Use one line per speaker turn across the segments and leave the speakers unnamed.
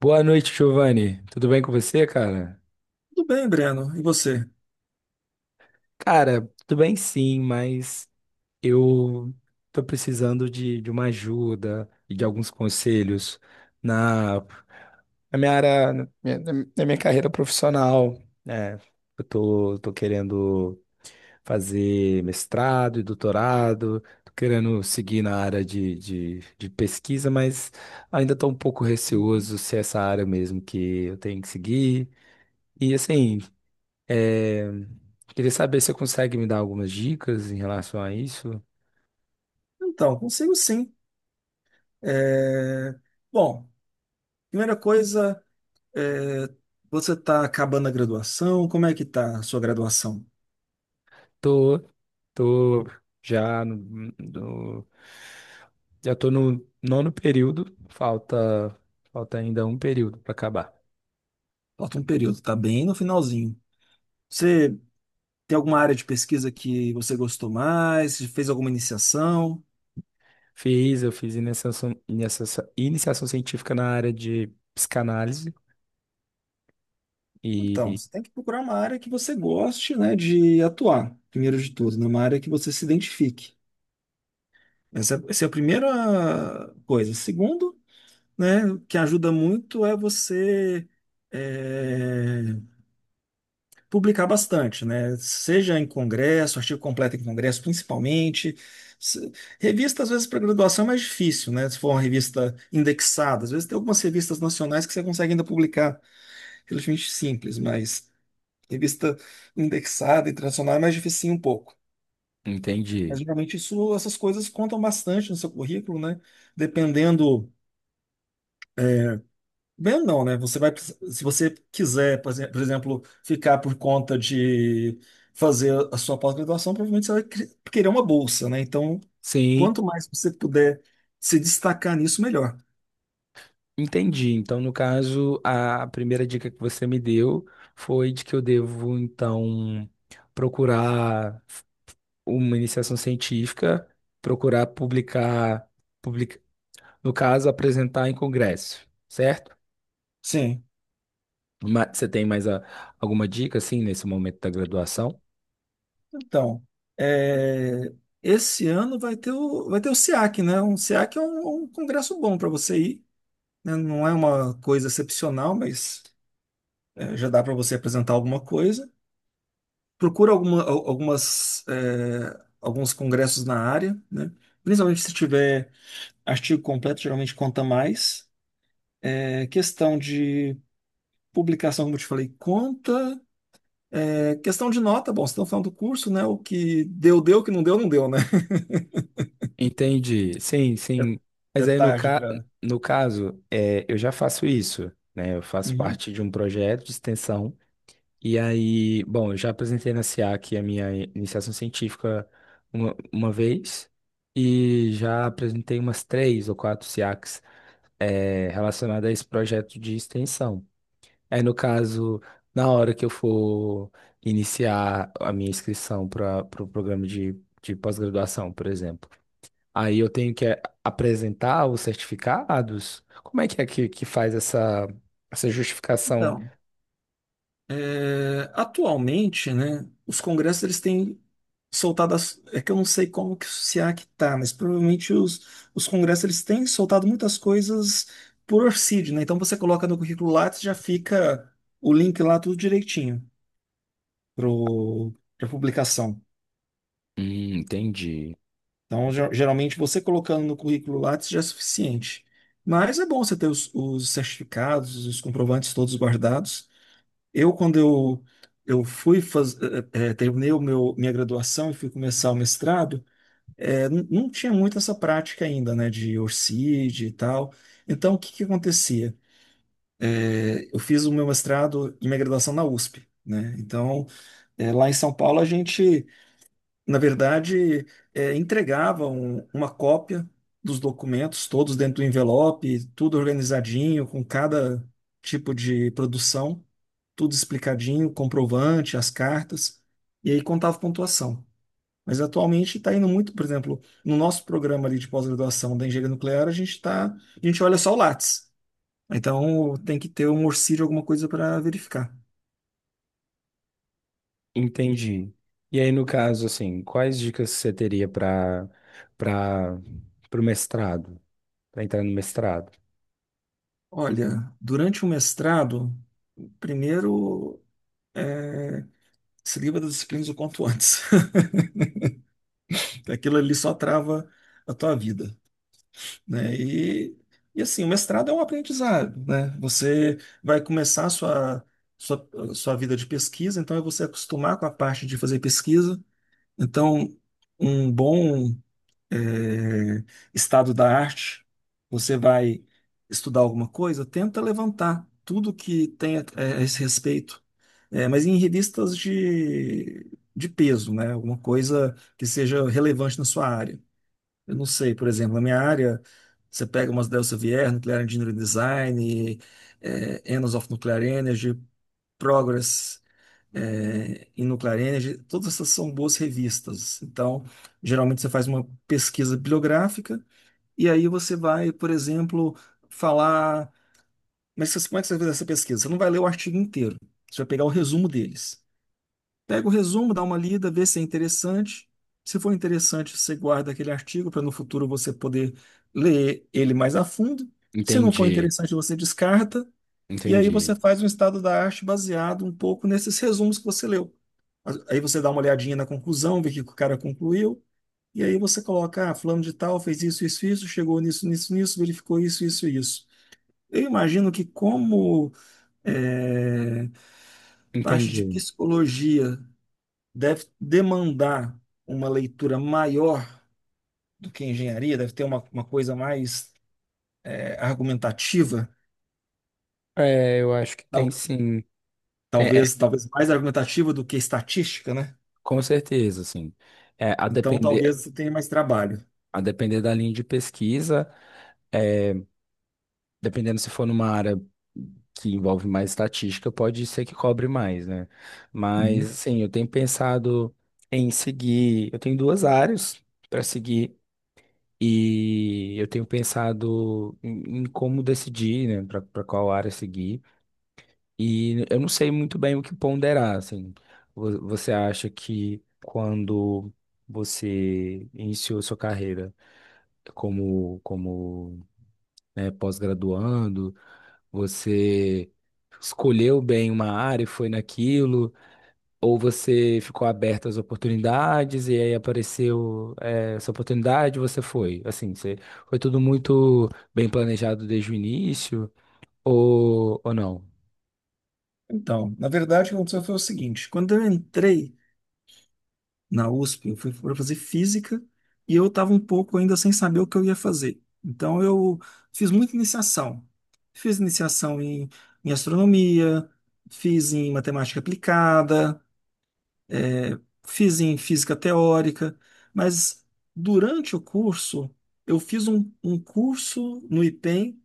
Boa noite, Giovanni. Tudo bem com você, cara?
Tudo bem, Breno. E você?
Cara, tudo bem sim, mas eu tô precisando de uma ajuda e de alguns conselhos na, na minha área, na minha carreira profissional, né? Eu tô querendo fazer mestrado e doutorado, tô querendo seguir na área de pesquisa, mas ainda tô um pouco
Uhum.
receoso se é essa área mesmo que eu tenho que seguir. E assim. É, queria saber se você consegue me dar algumas dicas em relação a isso.
Então, consigo sim. É, Bom, primeira coisa, é, você está acabando a graduação. Como é que está a sua graduação?
Tô, tô já já tô no nono período, falta ainda um período para acabar.
Falta um período, está bem no finalzinho. Você tem alguma área de pesquisa que você gostou mais? Você fez alguma iniciação?
Fiz, eu fiz iniciação científica na área de psicanálise
Então,
e
você tem que procurar uma área que você goste, né, de atuar, primeiro de tudo, né, uma área que você se identifique. Essa é a primeira coisa. Segundo, né? O que ajuda muito é você é, publicar bastante, né? Seja em congresso, artigo completo em congresso, principalmente. Se- Revista, às vezes, para graduação é mais difícil, né? Se for uma revista indexada. Às vezes tem algumas revistas nacionais que você consegue ainda publicar relativamente simples, mas revista indexada, internacional, é mais dificinho um pouco. Mas
entendi.
geralmente isso, essas coisas contam bastante no seu currículo, né? Dependendo. Bem, não, né? Você vai, se você quiser, por exemplo, ficar por conta de fazer a sua pós-graduação, provavelmente você vai querer uma bolsa, né? Então,
Sim,
quanto mais você puder se destacar nisso, melhor.
entendi. Então, no caso, a primeira dica que você me deu foi de que eu devo, então, procurar uma iniciação científica, procurar publicar, public no caso, apresentar em congresso, certo?
Sim.
Você tem alguma dica, assim, nesse momento da graduação?
Então, é, esse ano vai ter o SEAC, né? Um SEAC é um congresso bom para você ir, né? Não é uma coisa excepcional, mas já dá para você apresentar alguma coisa. Procura alguma, al- algumas, é, alguns congressos na área, né? Principalmente se tiver artigo completo, geralmente conta mais. Questão de publicação, como eu te falei, conta. Questão de nota, bom, vocês estão falando do curso, né? O que deu, deu, o que não deu, não deu, né?
Entendi, sim,
É,
sim.
é
Mas aí,
tarde para.
no caso, é, eu já faço isso, né? Eu faço parte de um projeto de extensão. E aí, bom, eu já apresentei na SEAC a minha iniciação científica uma vez e já apresentei umas três ou quatro SEACs relacionado a esse projeto de extensão. Aí, no caso, na hora que eu for iniciar a minha inscrição para o programa de pós-graduação, por exemplo, aí eu tenho que apresentar os certificados? Como é que é que faz essa justificação?
Então, atualmente, né, os congressos eles têm soltado é que eu não sei como que o SEAC tá, mas provavelmente os congressos eles têm soltado muitas coisas por orcídio, né? Então você coloca no currículo Lattes, já fica o link lá tudo direitinho pro para publicação.
Entendi.
Então, geralmente você colocando no currículo Lattes já é suficiente. Mas é bom você ter os certificados, os comprovantes todos guardados. Quando eu terminei minha graduação e fui começar o mestrado, não tinha muito essa prática ainda, né, de ORCID e tal. Então, o que que acontecia? Eu fiz o meu mestrado e minha graduação na USP, né? Então, lá em São Paulo, a gente, na verdade, entregava uma cópia dos documentos, todos dentro do envelope, tudo organizadinho, com cada tipo de produção, tudo explicadinho, comprovante, as cartas, e aí contava pontuação. Mas atualmente está indo muito, por exemplo, no nosso programa ali de pós-graduação da engenharia nuclear, a gente olha só o Lattes. Então tem que ter um orcíleo, alguma coisa para verificar.
Entendi. E aí, no caso, assim, quais dicas você teria para o mestrado, para entrar no mestrado?
Olha, durante o mestrado, primeiro é, se livra das disciplinas o quanto antes. Aquilo ali só trava a tua vida, né? E assim, o mestrado é um aprendizado, né? Você vai começar a sua, sua vida de pesquisa, então é você acostumar com a parte de fazer pesquisa. Então, um bom eh, estado da arte, você vai estudar alguma coisa, tenta levantar tudo que tem a esse respeito, mas em revistas de peso, né? Alguma coisa que seja relevante na sua área. Eu não sei, por exemplo, na minha área, você pega umas Elsevier, Nuclear Engineering Design, Annals of Nuclear Energy, Progress, in Nuclear Energy, todas essas são boas revistas. Então, geralmente você faz uma pesquisa bibliográfica e aí você vai, por exemplo, falar. Mas, como é que você vai fazer essa pesquisa? Você não vai ler o artigo inteiro, você vai pegar o resumo deles. Pega o resumo, dá uma lida, vê se é interessante. Se for interessante, você guarda aquele artigo para no futuro você poder ler ele mais a fundo. Se não for
Entendi,
interessante, você descarta. E aí
entendi.
você faz um estado da arte baseado um pouco nesses resumos que você leu. Aí você dá uma olhadinha na conclusão, vê o que o cara concluiu. E aí você coloca, ah, fulano de tal fez isso, isso, isso, chegou nisso, nisso, nisso, verificou isso, isso, isso. Eu imagino que, como eh, parte de
Entendi.
psicologia, deve demandar uma leitura maior do que engenharia, deve ter uma coisa mais argumentativa,
É, eu acho que tem
tal-
sim. Tem, é,
talvez mais argumentativa do que estatística, né?
com certeza, assim. É,
Então, talvez você tenha mais trabalho.
a depender da linha de pesquisa, é, dependendo se for numa área que envolve mais estatística, pode ser que cobre mais, né? Mas,
Uhum.
assim, eu tenho pensado em seguir. Eu tenho duas áreas para seguir. E eu tenho pensado em como decidir, né, para qual área seguir. E eu não sei muito bem o que ponderar, assim. Você acha que quando você iniciou sua carreira como, como, né, pós-graduando, você escolheu bem uma área e foi naquilo, ou você ficou aberto às oportunidades e aí apareceu, essa oportunidade e você foi? Assim, você, foi tudo muito bem planejado desde o início, ou não?
Então, na verdade, o que aconteceu foi o seguinte: quando eu entrei na USP, eu fui para fazer física e eu estava um pouco ainda sem saber o que eu ia fazer. Então, eu fiz muita iniciação. Fiz iniciação em astronomia, fiz em matemática aplicada, É, fiz em física teórica, mas durante o curso, eu fiz um curso no IPEM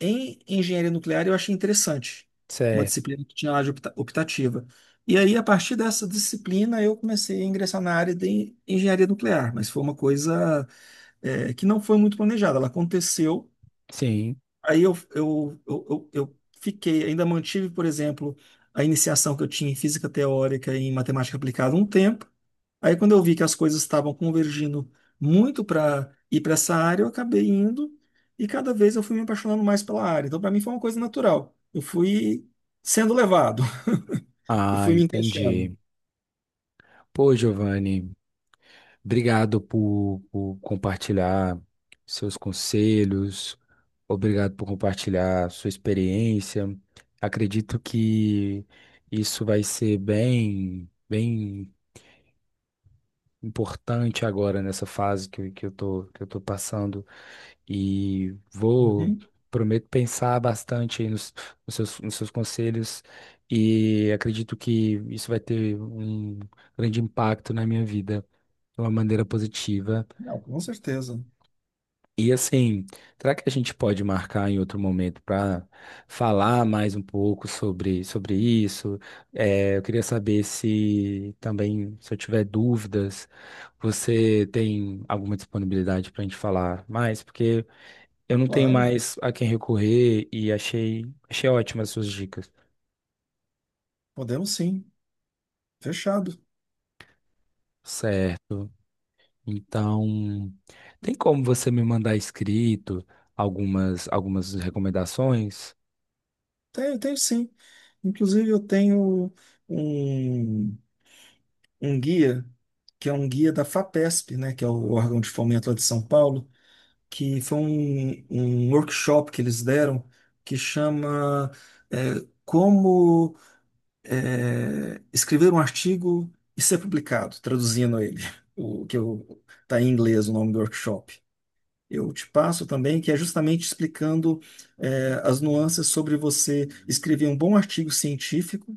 em engenharia nuclear e eu achei interessante, uma
Certo.
disciplina que tinha lá de optativa. E aí, a partir dessa disciplina, eu comecei a ingressar na área de engenharia nuclear, mas foi uma coisa, que não foi muito planejada, ela aconteceu.
Sim.
Aí eu fiquei, ainda mantive, por exemplo, a iniciação que eu tinha em física teórica e em matemática aplicada um tempo. Aí, quando eu vi que as coisas estavam convergindo muito para ir para essa área, eu acabei indo e cada vez eu fui me apaixonando mais pela área. Então, para mim, foi uma coisa natural. Eu fui sendo levado e
Ah,
fui me encaixando.
entendi. Pô, Giovanni, obrigado por compartilhar seus conselhos, obrigado por compartilhar sua experiência. Acredito que isso vai ser bem importante agora nessa fase que eu tô passando. E vou,
Uhum.
prometo pensar bastante aí nos, nos seus conselhos e acredito que isso vai ter um grande impacto na minha vida de uma maneira positiva.
Não, com certeza.
E assim, será que a gente pode marcar em outro momento para falar mais um pouco sobre isso? Eu queria saber se também, se eu tiver dúvidas, você tem alguma disponibilidade para a gente falar mais? Porque eu não tenho
Claro,
mais a quem recorrer e achei ótimas suas dicas.
podemos sim. Fechado.
Certo. Então, tem como você me mandar escrito algumas recomendações?
Tenho, tenho sim. Inclusive, eu tenho um. um guia, que é um guia da FAPESP, né, que é o órgão de fomento lá de São Paulo, que foi um workshop que eles deram, que chama Como Escrever um Artigo e Ser Publicado, traduzindo ele, o que eu, tá em inglês o nome do workshop. Eu te passo também, que é justamente explicando as nuances sobre você escrever um bom artigo científico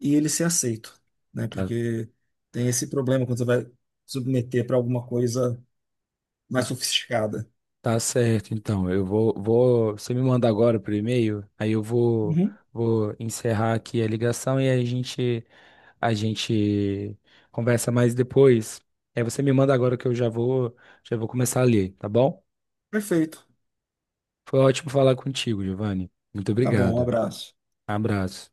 e ele ser aceito, né?
Tá,
Porque tem esse problema quando você vai submeter para alguma coisa mais sofisticada.
tá certo, então. Eu vou, vou. Você me manda agora por e-mail, aí eu vou,
Uhum.
vou encerrar aqui a ligação e aí a gente conversa mais depois. Aí você me manda agora que eu já vou começar a ler, tá bom?
Perfeito.
Foi ótimo falar contigo, Giovanni. Muito
Tá bom, um
obrigado.
abraço.
Abraço.